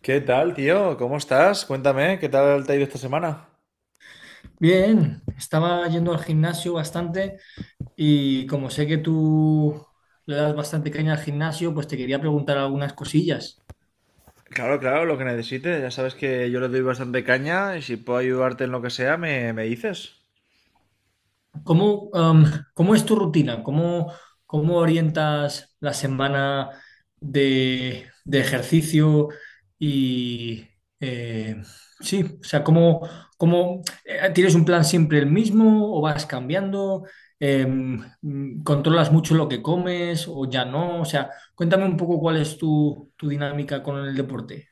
¿Qué tal, tío? ¿Cómo estás? Cuéntame, ¿qué tal te ha ido esta semana? Bien, estaba yendo al gimnasio bastante y como sé que tú le das bastante caña al gimnasio, pues te quería preguntar algunas cosillas. Claro, claro, lo que necesites. Ya sabes que yo le doy bastante caña y si puedo ayudarte en lo que sea, me dices. ¿Cómo, am, cómo es tu rutina? ¿ cómo orientas la semana de ejercicio? Y eh, sí, o sea, ¿ tienes un plan siempre el mismo o vas cambiando? ¿Controlas mucho lo que comes o ya no? O sea, cuéntame un poco cuál es tu dinámica con el deporte.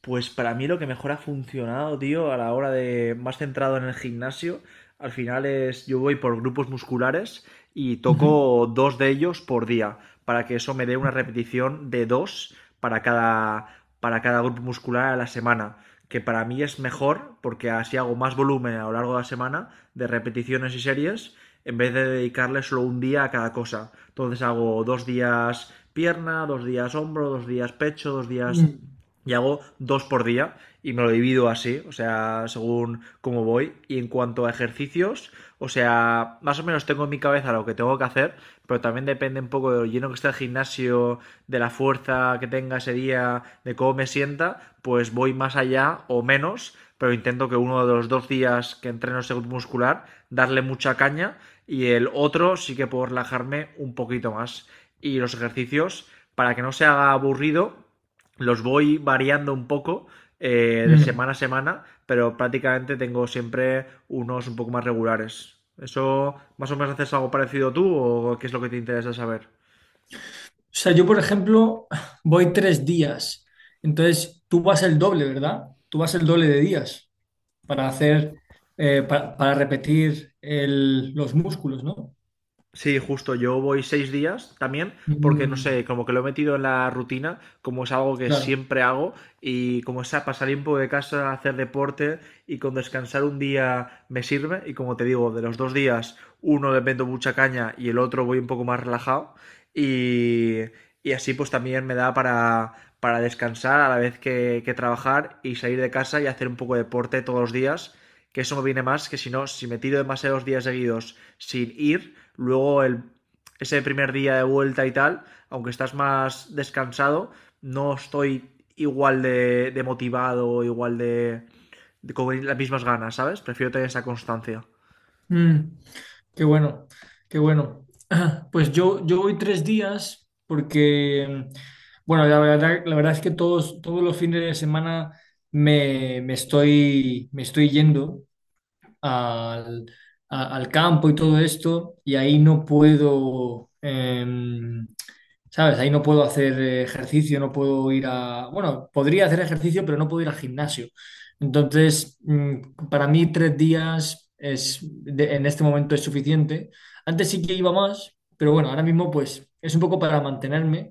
Pues para mí lo que mejor ha funcionado, tío, a la hora de más centrado en el gimnasio, al final es yo voy por grupos musculares y Ujú. toco dos de ellos por día, para que eso me dé una repetición de dos para cada grupo muscular a la semana, que para mí es mejor porque así hago más volumen a lo largo de la semana de repeticiones y series en vez de dedicarle solo un día a cada cosa. Entonces hago dos días pierna, dos días hombro, dos días pecho, dos días Mm, y hago dos por día y me lo divido así, o sea, según cómo voy. Y en cuanto a ejercicios, o sea, más o menos tengo en mi cabeza lo que tengo que hacer, pero también depende un poco de lo lleno que está el gimnasio, de la fuerza que tenga ese día, de cómo me sienta, pues voy más allá o menos, pero intento que uno de los dos días que entreno ese grupo muscular, darle mucha caña y el otro sí que puedo relajarme un poquito más. Y los ejercicios, para que no se haga aburrido, los voy variando un poco de mm. semana a semana, pero prácticamente tengo siempre unos un poco más regulares. ¿Eso más o menos haces algo parecido tú o qué es lo que te interesa saber? O sea, yo, por ejemplo, voy tres días. Entonces, tú vas el doble, ¿verdad? Tú vas el doble de días para hacer, para repetir los músculos, ¿no? Sí, justo, yo voy 6 días también, porque no Mm, sé, como que lo he metido en la rutina, como es algo que claro. siempre hago, y como es a pasar tiempo de casa, hacer deporte y con descansar un día me sirve, y como te digo, de los dos días, uno le meto mucha caña y el otro voy un poco más relajado, y, y así pues también me da para descansar a la vez que trabajar y salir de casa y hacer un poco de deporte todos los días, que eso me viene más que si no, si me tiro demasiados días seguidos sin ir, luego el, ese primer día de vuelta y tal, aunque estás más descansado, no estoy igual de motivado, igual de con las mismas ganas, ¿sabes? Prefiero tener esa constancia. Mm, qué bueno, qué bueno. Pues yo voy tres días porque, bueno, la verdad es que todos los fines de semana me estoy yendo al, al campo y todo esto, y ahí no puedo, ¿sabes? Ahí no puedo hacer ejercicio, no puedo ir a... Bueno, podría hacer ejercicio, pero no puedo ir al gimnasio. Entonces, para mí tres días es, en este momento es suficiente. Antes sí que iba más, pero bueno, ahora mismo pues es un poco para mantenerme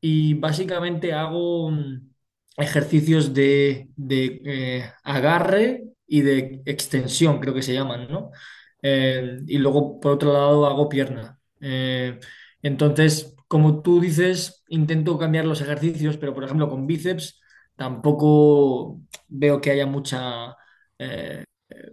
y básicamente hago ejercicios de agarre y de extensión, creo que se llaman, ¿no? Y luego, por otro lado, hago pierna. Entonces, como tú dices, intento cambiar los ejercicios, pero por ejemplo, con bíceps tampoco veo que haya mucha... eh,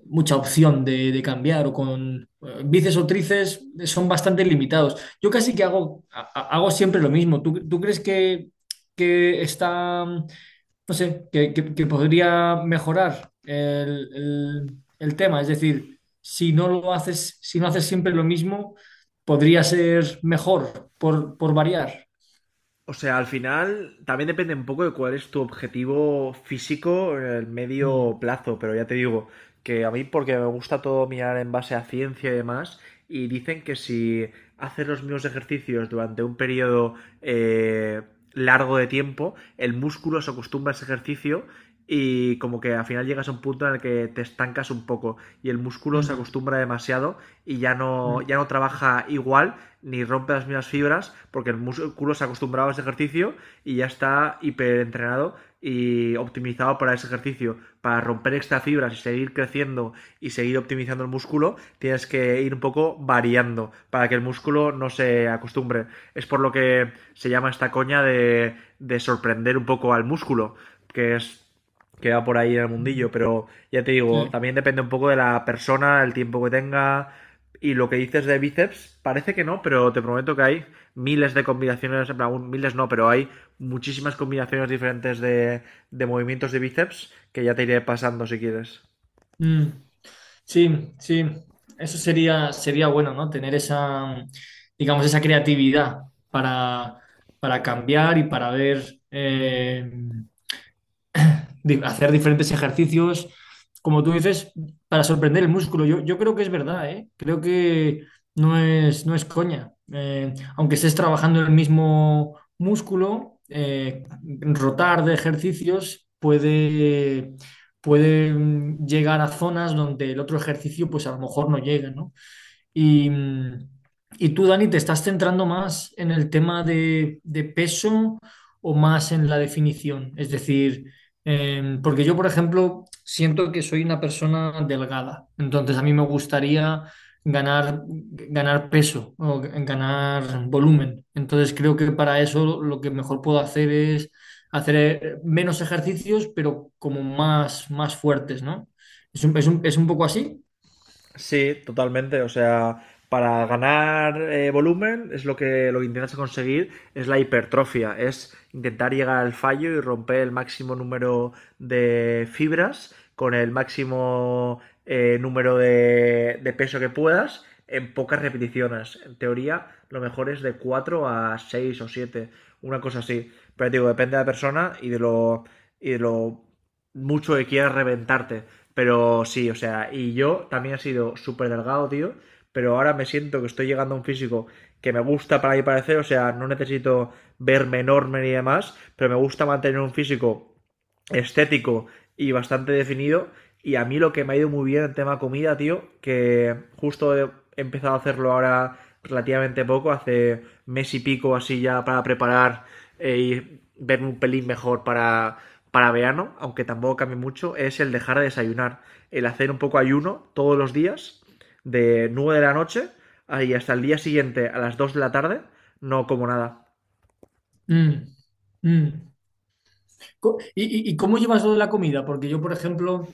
mucha opción de cambiar o con bíceps o tríceps son bastante limitados. Yo casi que hago, hago siempre lo mismo. ¿Tú, tú crees que está, no sé, que, que podría mejorar el, el tema? Es decir, si no lo haces, si no haces siempre lo mismo, podría ser mejor por variar. O sea, al final también depende un poco de cuál es tu objetivo físico en el medio Mm, plazo, pero ya te digo que a mí porque me gusta todo mirar en base a ciencia y demás, y dicen que si haces los mismos ejercicios durante un periodo eh, largo de tiempo, el músculo se acostumbra a ese ejercicio y como que al final llegas a un punto en el que te estancas un poco y el músculo se mm, acostumbra demasiado y ya no, ya mm, no trabaja igual ni rompe las mismas fibras porque el músculo se ha acostumbrado a ese ejercicio y ya está hiperentrenado y optimizado para ese ejercicio. Para romper estas fibras y seguir creciendo y seguir optimizando el músculo, tienes que ir un poco variando para que el músculo no se acostumbre. Es por lo que se llama esta coña de sorprender un poco al músculo, que es que va por ahí en el mm, mm, mundillo, pero ya te digo, sí. también depende un poco de la persona, el tiempo que tenga y lo que dices de bíceps, parece que no, pero te prometo que hay miles de combinaciones, en plan, miles no, pero hay muchísimas combinaciones diferentes de movimientos de bíceps que ya te iré pasando si quieres. Mm. Sí, sí, eso sería, sería bueno, ¿no? Tener esa, digamos, esa creatividad para, para cambiar y para ver. Hacer diferentes ejercicios, como tú dices, para sorprender el músculo. Yo creo que es verdad, ¿eh? Creo que no es, no es coña. Aunque estés trabajando el mismo músculo, rotar de ejercicios puede, puede llegar a zonas donde el otro ejercicio, pues a lo mejor no llega, ¿no? Y, mm, y tú, Dani, ¿te estás centrando más en el tema de peso o más en la definición? Es decir, porque yo, por ejemplo, siento que soy una persona delgada, entonces a mí me gustaría ganar, ganar peso o ganar volumen. Entonces creo que para eso lo que mejor puedo hacer es hacer menos ejercicios, pero como más, más fuertes, ¿no? Es un, es un poco así. Sí, totalmente. O sea, para ganar volumen es lo que intentas conseguir, es la hipertrofia, es intentar llegar al fallo y romper el máximo número de fibras con el máximo número de peso que puedas en pocas repeticiones. En teoría, lo mejor es de 4 a 6 o 7. Una cosa así. Pero digo, depende de la persona y y de lo mucho que quieras reventarte. Pero sí, o sea, y yo también he sido súper delgado, tío. Pero ahora me siento que estoy llegando a un físico que me gusta para mi parecer. O sea, no necesito verme enorme ni demás. Pero me gusta mantener un físico estético y bastante definido. Y a mí lo que me ha ido muy bien en tema comida, tío, que justo he empezado a hacerlo ahora relativamente poco, hace mes y pico así ya para preparar y verme un pelín mejor para verano, aunque tampoco cambie mucho, es el dejar de desayunar, el hacer un poco ayuno todos los días, de 9 de la noche y hasta el día siguiente a las 2 de la tarde, no como nada. Mm, mm. ¿Y, y cómo llevas lo de la comida? Porque yo, por ejemplo,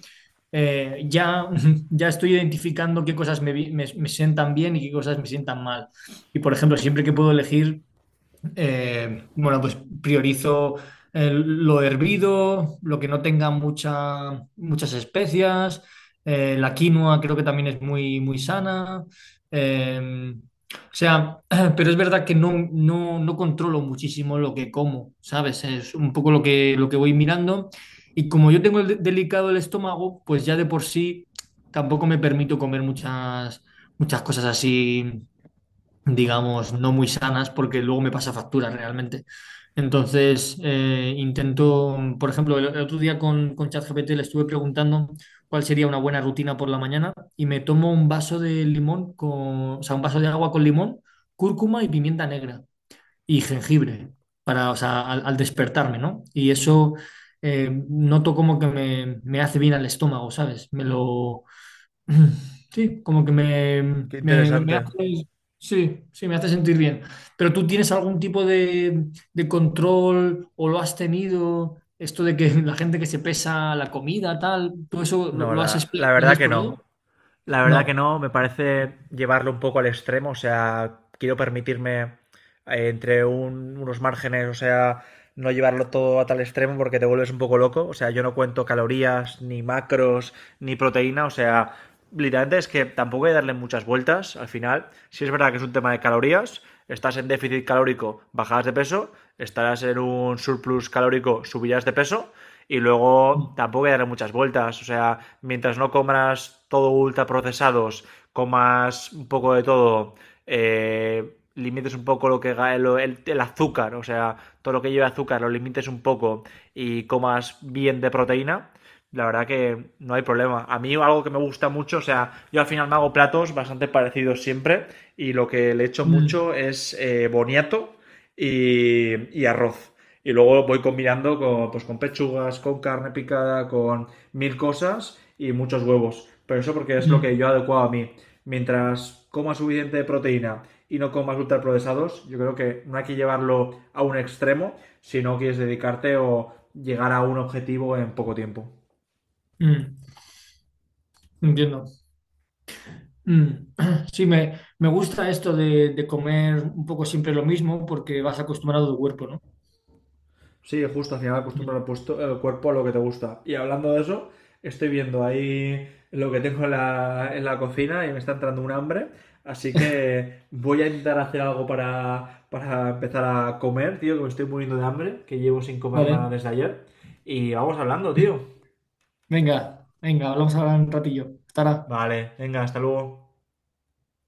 ya, ya estoy identificando qué cosas me, me sientan bien y qué cosas me sientan mal. Y, por ejemplo, siempre que puedo elegir, bueno, pues priorizo lo hervido, lo que no tenga muchas especias. La quinoa creo que también es muy, muy sana. eh, o sea, pero es verdad que no, no, no controlo muchísimo lo que como, ¿sabes? Es un poco lo que voy mirando. Y como yo tengo el delicado el estómago, pues ya de por sí tampoco me permito comer muchas, muchas cosas así, digamos, no muy sanas porque luego me pasa factura realmente. Entonces, intento, por ejemplo, el otro día con ChatGPT le estuve preguntando cuál sería una buena rutina por la mañana y me tomo un vaso de limón con, o sea, un vaso de agua con limón, cúrcuma y pimienta negra y jengibre para, o sea, al, al despertarme, ¿no? Y eso noto como que me hace bien al estómago, ¿sabes? Me lo, sí, como que me, Qué me, me interesante. hace, sí, sí, me hace sentir bien. Pero tú tienes algún tipo de control o lo has tenido, esto de que la gente que se pesa la comida, tal, ¿tú eso No, lo has, la lo has verdad que no. explorado? La verdad que No. no, me parece llevarlo un poco al extremo, o sea, quiero permitirme entre unos márgenes, o sea, no llevarlo todo a tal extremo porque te vuelves un poco loco. O sea, yo no cuento calorías, ni macros, ni proteína, o sea, literalmente es que tampoco hay que darle muchas vueltas al final. Si es verdad que es un tema de calorías, estás en déficit calórico, bajarás de peso, estarás en un surplus calórico, subirás de peso. Y luego Mm, tampoco hay que darle muchas vueltas. O sea, mientras no comas todo ultra procesados, comas un poco de todo, limites un poco lo que lo, el azúcar, o sea, todo lo que lleva azúcar lo limites un poco y comas bien de proteína, la verdad que no hay problema. A mí algo que me gusta mucho, o sea, yo al final me hago platos bastante parecidos siempre y lo que le echo mm, mucho es boniato y, y arroz. Y luego voy combinando con, pues, con pechugas, con carne picada, con mil cosas y muchos huevos. Pero eso porque es lo que mm, yo he adecuado a mí. Mientras coma suficiente de proteína y no comas ultraprocesados, yo creo que no hay que llevarlo a un extremo si no quieres dedicarte o llegar a un objetivo en poco tiempo. mm. Entiendo. Mm. Sí, me gusta esto de comer un poco siempre lo mismo porque vas acostumbrado al cuerpo, ¿no? Sí, justo, al final acostumbras Mm. el, el cuerpo a lo que te gusta. Y hablando de eso, estoy viendo ahí lo que tengo en en la cocina y me está entrando un hambre. Así que voy a intentar hacer algo para empezar a comer, tío, que me estoy muriendo de hambre, que llevo sin comer nada Vale, desde ayer. Y vamos hablando, tío. venga, venga, hablamos ahora un ratillo. Tara. Vale, venga, hasta luego.